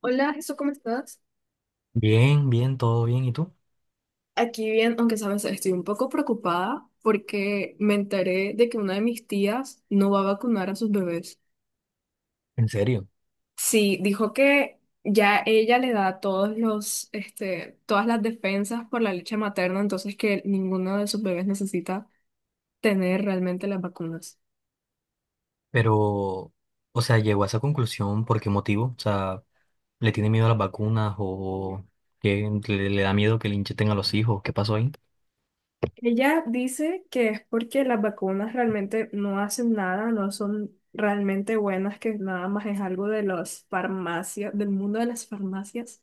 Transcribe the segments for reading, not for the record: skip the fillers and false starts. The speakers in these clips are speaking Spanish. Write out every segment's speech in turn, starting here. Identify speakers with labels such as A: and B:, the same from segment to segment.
A: Hola, Jesús, ¿cómo estás?
B: Bien, bien, todo bien. ¿Y tú?
A: Aquí bien, aunque sabes, estoy un poco preocupada porque me enteré de que una de mis tías no va a vacunar a sus bebés.
B: En serio.
A: Sí, dijo que ya ella le da todas las defensas por la leche materna, entonces que ninguno de sus bebés necesita tener realmente las vacunas.
B: Pero, o sea, llegó a esa conclusión por qué motivo. O sea, ¿le tiene miedo a las vacunas o que le da miedo que le inyecten a los hijos? ¿Qué pasó ahí?
A: Ella dice que es porque las vacunas realmente no hacen nada, no son realmente buenas, que nada más es algo de las farmacias, del mundo de las farmacias,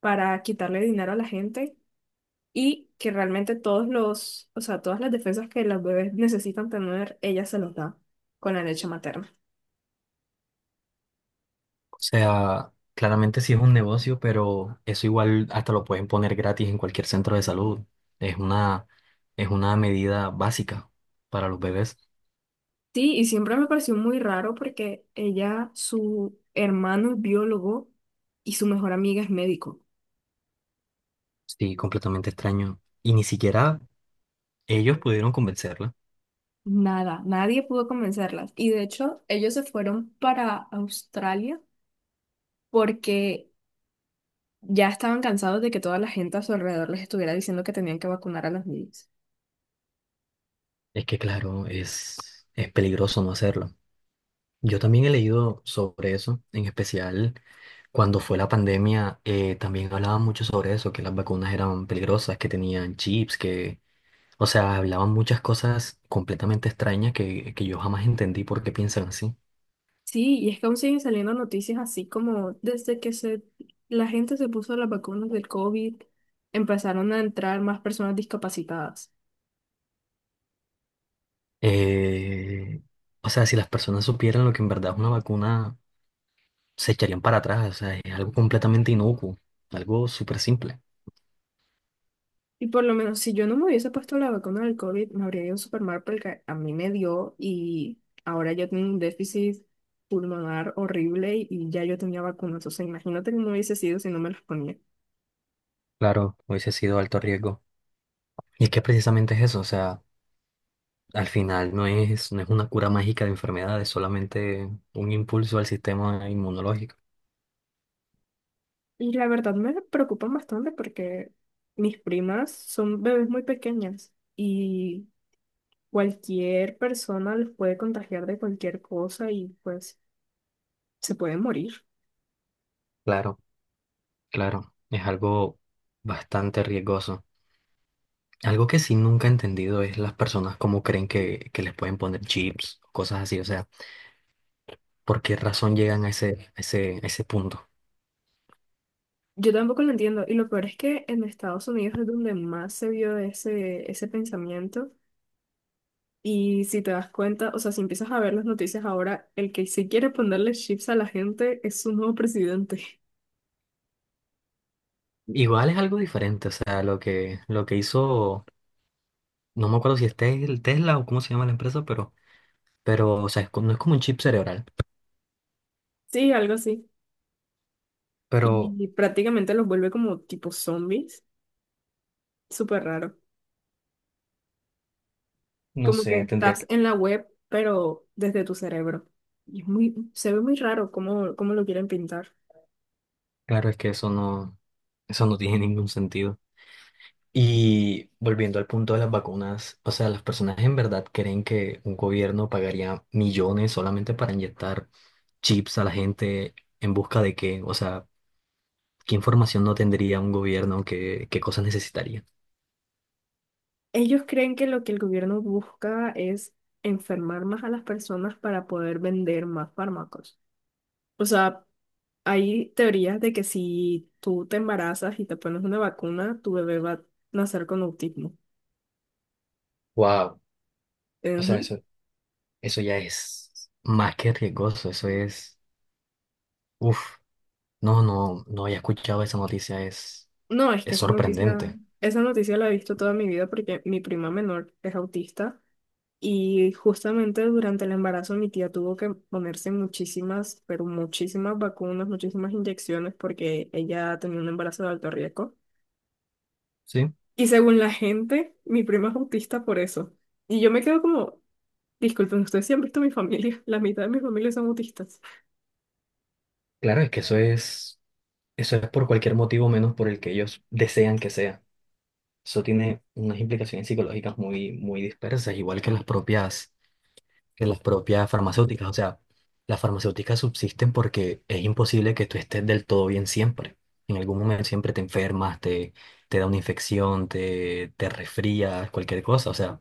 A: para quitarle dinero a la gente y que realmente o sea, todas las defensas que los bebés necesitan tener, ella se los da con la leche materna.
B: O sea, claramente sí es un negocio, pero eso igual hasta lo pueden poner gratis en cualquier centro de salud. Es una, es una medida básica para los bebés.
A: Sí, y siempre me pareció muy raro porque ella, su hermano es biólogo y su mejor amiga es médico.
B: Sí, completamente extraño. Y ni siquiera ellos pudieron convencerla.
A: Nada, nadie pudo convencerlas. Y de hecho, ellos se fueron para Australia porque ya estaban cansados de que toda la gente a su alrededor les estuviera diciendo que tenían que vacunar a los niños.
B: Es que, claro, es peligroso no hacerlo. Yo también he leído sobre eso, en especial cuando fue la pandemia, también hablaban mucho sobre eso, que las vacunas eran peligrosas, que tenían chips, que, o sea, hablaban muchas cosas completamente extrañas que yo jamás entendí por qué piensan así.
A: Sí, y es que aún siguen saliendo noticias así como la gente se puso las vacunas del COVID, empezaron a entrar más personas discapacitadas.
B: Eh, o sea, si las personas supieran lo que en verdad es una vacuna, se echarían para atrás, o sea, es algo completamente inocuo, algo súper simple.
A: Y por lo menos si yo no me hubiese puesto la vacuna del COVID, me habría ido súper mal porque a mí me dio y ahora yo tengo un déficit pulmonar horrible y ya yo tenía vacunas. O sea, imagínate cómo hubiese sido si no me las ponía.
B: Claro, hubiese sido alto riesgo. Y es que precisamente es eso, o sea, al final no es una cura mágica de enfermedades, solamente un impulso al sistema inmunológico.
A: Y la verdad me preocupan bastante porque mis primas son bebés muy pequeñas y cualquier persona les puede contagiar de cualquier cosa y pues se pueden morir.
B: Claro, claro, es algo bastante riesgoso. Algo que sí nunca he entendido es las personas cómo creen que les pueden poner chips, cosas así, o sea, por qué razón llegan a ese punto.
A: Yo tampoco lo entiendo. Y lo peor es que en Estados Unidos es donde más se vio ese pensamiento. Y si te das cuenta, o sea, si empiezas a ver las noticias ahora, el que sí quiere ponerle chips a la gente es su nuevo presidente.
B: Igual es algo diferente, o sea, lo que hizo, no me acuerdo si es Tesla o cómo se llama la empresa, pero, o sea, no es como un chip cerebral,
A: Sí, algo así.
B: pero
A: Y prácticamente los vuelve como tipo zombies. Súper raro.
B: no
A: Como que
B: sé, tendría
A: estás
B: que.
A: en la web, pero desde tu cerebro. Y es muy, se ve muy raro cómo lo quieren pintar.
B: Claro, es que eso no tiene ningún sentido. Y volviendo al punto de las vacunas, o sea, las personas en verdad creen que un gobierno pagaría millones solamente para inyectar chips a la gente en busca de qué, o sea, qué información no tendría un gobierno, qué cosas necesitaría.
A: Ellos creen que lo que el gobierno busca es enfermar más a las personas para poder vender más fármacos. O sea, hay teorías de que si tú te embarazas y te pones una vacuna, tu bebé va a nacer con autismo.
B: Wow, o sea,
A: Ujú.
B: eso ya es más que riesgoso, eso es, uff, no había escuchado esa noticia,
A: No, es que
B: es
A: esa noticia,
B: sorprendente.
A: esa noticia la he visto toda mi vida porque mi prima menor es autista y justamente durante el embarazo mi tía tuvo que ponerse muchísimas, pero muchísimas vacunas, muchísimas inyecciones porque ella tenía un embarazo de alto riesgo.
B: Sí,
A: Y según la gente, mi prima es autista por eso. Y yo me quedo como, disculpen, ustedes sí han visto mi familia, la mitad de mi familia son autistas.
B: claro, es que eso es. Eso es por cualquier motivo menos por el que ellos desean que sea. Eso tiene unas implicaciones psicológicas muy, muy dispersas, igual que las propias farmacéuticas. O sea, las farmacéuticas subsisten porque es imposible que tú estés del todo bien siempre. En algún momento siempre te enfermas, te da una infección, te resfrías, cualquier cosa. O sea,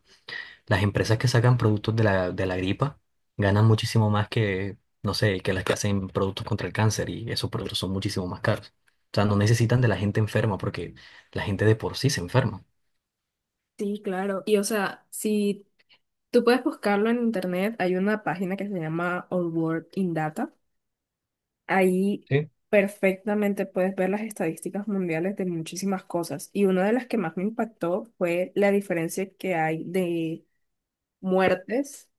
B: las empresas que sacan productos de la gripa ganan muchísimo más que, no sé, que las que hacen productos contra el cáncer y esos productos son muchísimo más caros. O sea, no necesitan de la gente enferma porque la gente de por sí se enferma.
A: Sí, claro. Y o sea, si tú puedes buscarlo en internet, hay una página que se llama All World in Data. Ahí
B: Sí.
A: perfectamente puedes ver las estadísticas mundiales de muchísimas cosas. Y una de las que más me impactó fue la diferencia que hay de muertes,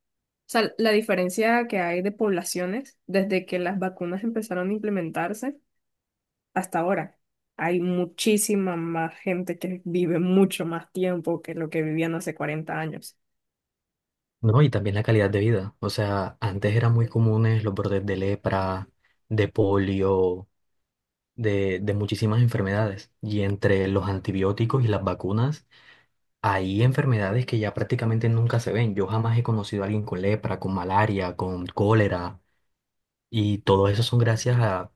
A: o sea, la diferencia que hay de poblaciones desde que las vacunas empezaron a implementarse hasta ahora. Hay muchísima más gente que vive mucho más tiempo que lo que vivían hace 40 años.
B: No, y también la calidad de vida. O sea, antes eran muy comunes los brotes de lepra, de polio, de muchísimas enfermedades. Y entre los antibióticos y las vacunas, hay enfermedades que ya prácticamente nunca se ven. Yo jamás he conocido a alguien con lepra, con malaria, con cólera. Y todo eso son gracias a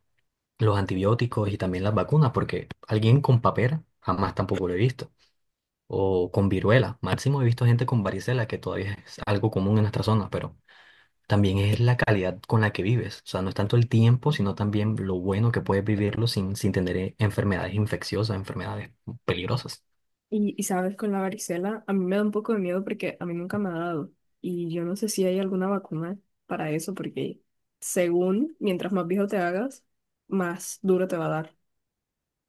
B: los antibióticos y también las vacunas, porque alguien con papera jamás tampoco lo he visto. O con viruela. Máximo he visto gente con varicela, que todavía es algo común en nuestra zona, pero también es la calidad con la que vives. O sea, no es tanto el tiempo, sino también lo bueno que puedes vivirlo sin tener enfermedades infecciosas, enfermedades peligrosas.
A: Y sabes, con la varicela, a mí me da un poco de miedo porque a mí nunca me ha dado. Y yo no sé si hay alguna vacuna para eso, porque según mientras más viejo te hagas, más duro te va a dar.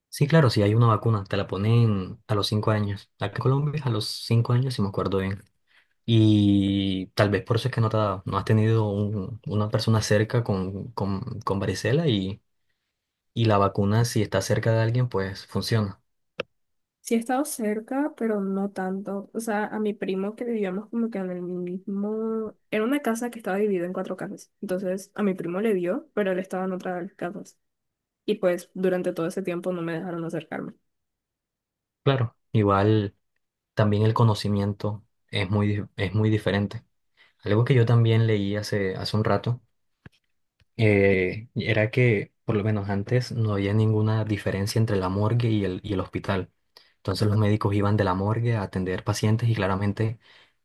B: Sí, claro, si hay una vacuna, te la ponen a los 5 años. Acá en Colombia, a los 5 años, si me acuerdo bien. Y tal vez por eso es que no has tenido una persona cerca con, con varicela y la vacuna, si está cerca de alguien, pues funciona.
A: Sí he estado cerca, pero no tanto. O sea, a mi primo que vivíamos como que en el mismo... Era una casa que estaba dividida en cuatro casas. Entonces, a mi primo le dio, pero él estaba en otra de las casas. Y pues durante todo ese tiempo no me dejaron acercarme.
B: Claro, igual también el conocimiento es es muy diferente. Algo que yo también leí hace un rato era que por lo menos antes no había ninguna diferencia entre la morgue y el hospital. Entonces los médicos iban de la morgue a atender pacientes y claramente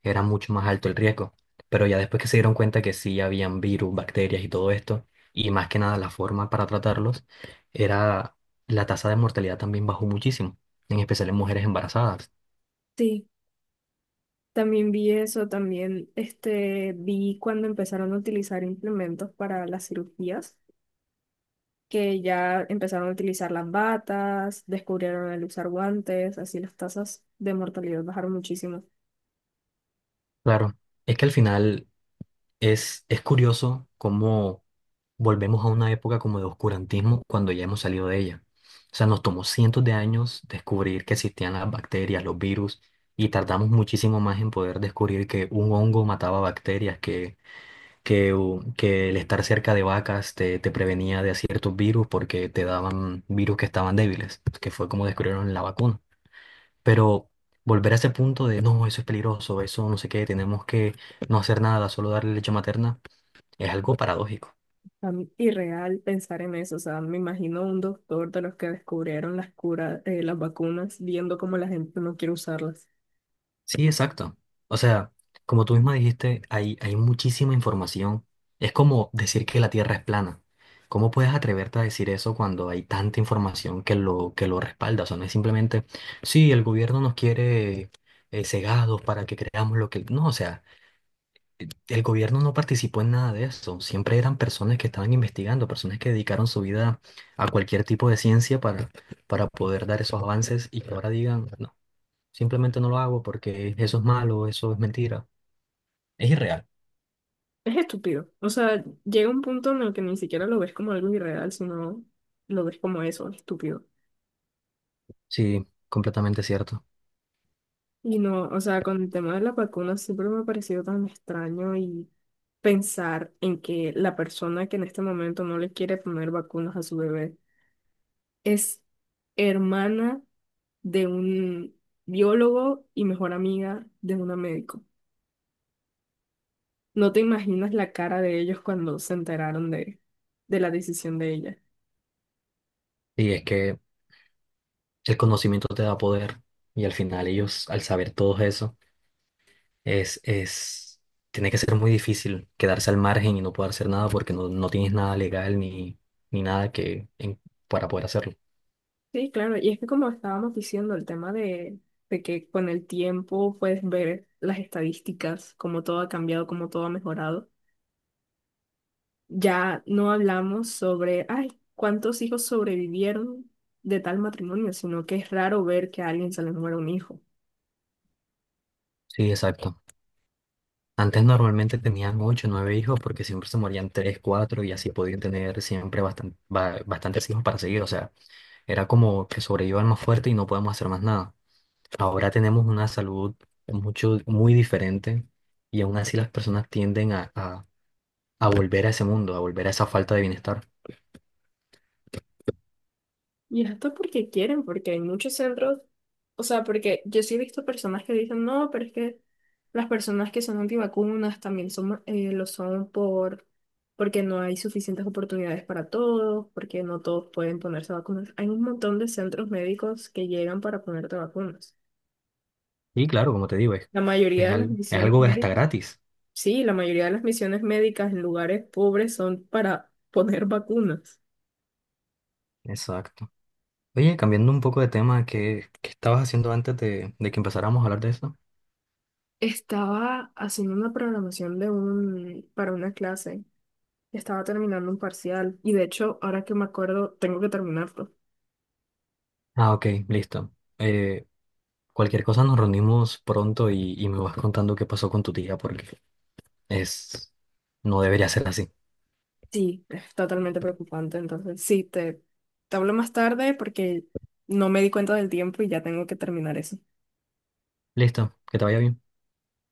B: era mucho más alto el riesgo. Pero ya después que se dieron cuenta que sí habían virus, bacterias y todo esto, y más que nada la forma para tratarlos, era la tasa de mortalidad también bajó muchísimo, en especial en mujeres embarazadas.
A: Sí, también vi eso, también vi cuando empezaron a utilizar implementos para las cirugías, que ya empezaron a utilizar las batas, descubrieron el usar guantes, así las tasas de mortalidad bajaron muchísimo.
B: Claro, es que al final es curioso cómo volvemos a una época como de oscurantismo cuando ya hemos salido de ella. O sea, nos tomó cientos de años descubrir que existían las bacterias, los virus, y tardamos muchísimo más en poder descubrir que un hongo mataba bacterias, que el estar cerca de vacas te prevenía de ciertos virus porque te daban virus que estaban débiles, que fue como descubrieron la vacuna. Pero volver a ese punto de, no, eso es peligroso, eso no sé qué, tenemos que no hacer nada, solo darle leche materna, es algo paradójico.
A: A mí, irreal pensar en eso, o sea, me imagino un doctor de los que descubrieron las curas, las vacunas, viendo cómo la gente no quiere usarlas.
B: Sí, exacto. O sea, como tú misma dijiste, hay muchísima información. Es como decir que la Tierra es plana. ¿Cómo puedes atreverte a decir eso cuando hay tanta información que lo respalda? O sea, no es simplemente, sí, el gobierno nos quiere cegados para que creamos lo que... No, o sea, el gobierno no participó en nada de eso. Siempre eran personas que estaban investigando, personas que dedicaron su vida a cualquier tipo de ciencia para poder dar esos avances y que ahora digan, no. Simplemente no lo hago porque eso es malo, eso es mentira. Es irreal.
A: Es estúpido. O sea, llega un punto en el que ni siquiera lo ves como algo irreal, sino lo ves como eso, estúpido.
B: Sí, completamente cierto.
A: Y no, o sea, con el tema de las vacunas siempre me ha parecido tan extraño y pensar en que la persona que en este momento no le quiere poner vacunas a su bebé es hermana de un biólogo y mejor amiga de una médico. No te imaginas la cara de ellos cuando se enteraron de la decisión de ella.
B: Y es que el conocimiento te da poder y al final ellos, al saber todo eso, es, es, tiene que ser muy difícil quedarse al margen y no poder hacer nada porque no tienes nada legal ni, ni nada que en- para poder hacerlo.
A: Sí, claro, y es que como estábamos diciendo, el tema de que con el tiempo puedes ver las estadísticas, cómo todo ha cambiado, cómo todo ha mejorado. Ya no hablamos sobre, ay, cuántos hijos sobrevivieron de tal matrimonio, sino que es raro ver que a alguien se le muera un hijo.
B: Sí, exacto. Antes normalmente tenían ocho, nueve hijos porque siempre se morían tres, cuatro y así podían tener siempre bastantes hijos para seguir. O sea, era como que sobreviva el más fuerte y no podemos hacer más nada. Ahora tenemos una salud mucho, muy diferente y aún así las personas tienden a volver a ese mundo, a volver a esa falta de bienestar.
A: Y esto porque quieren, porque hay muchos centros, o sea, porque yo sí he visto personas que dicen, no, pero es que las personas que son antivacunas también son, lo son porque no hay suficientes oportunidades para todos, porque no todos pueden ponerse vacunas. Hay un montón de centros médicos que llegan para ponerte vacunas.
B: Y claro, como te digo,
A: La mayoría de las
B: es
A: misiones
B: algo hasta
A: médicas,
B: gratis.
A: sí, la mayoría de las misiones médicas en lugares pobres son para poner vacunas.
B: Exacto. Oye, cambiando un poco de tema, ¿qué estabas haciendo antes de que empezáramos a hablar de eso?
A: Estaba haciendo una programación para una clase. Estaba terminando un parcial y de hecho, ahora que me acuerdo, tengo que terminarlo.
B: Ah, ok, listo. Eh, cualquier cosa nos reunimos pronto y me vas contando qué pasó con tu tía porque es, no debería ser así.
A: Sí, es totalmente preocupante. Entonces, sí, te hablo más tarde porque no me di cuenta del tiempo y ya tengo que terminar eso.
B: Listo, que te vaya bien.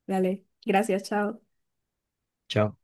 A: Dale, gracias, chao.
B: Chao.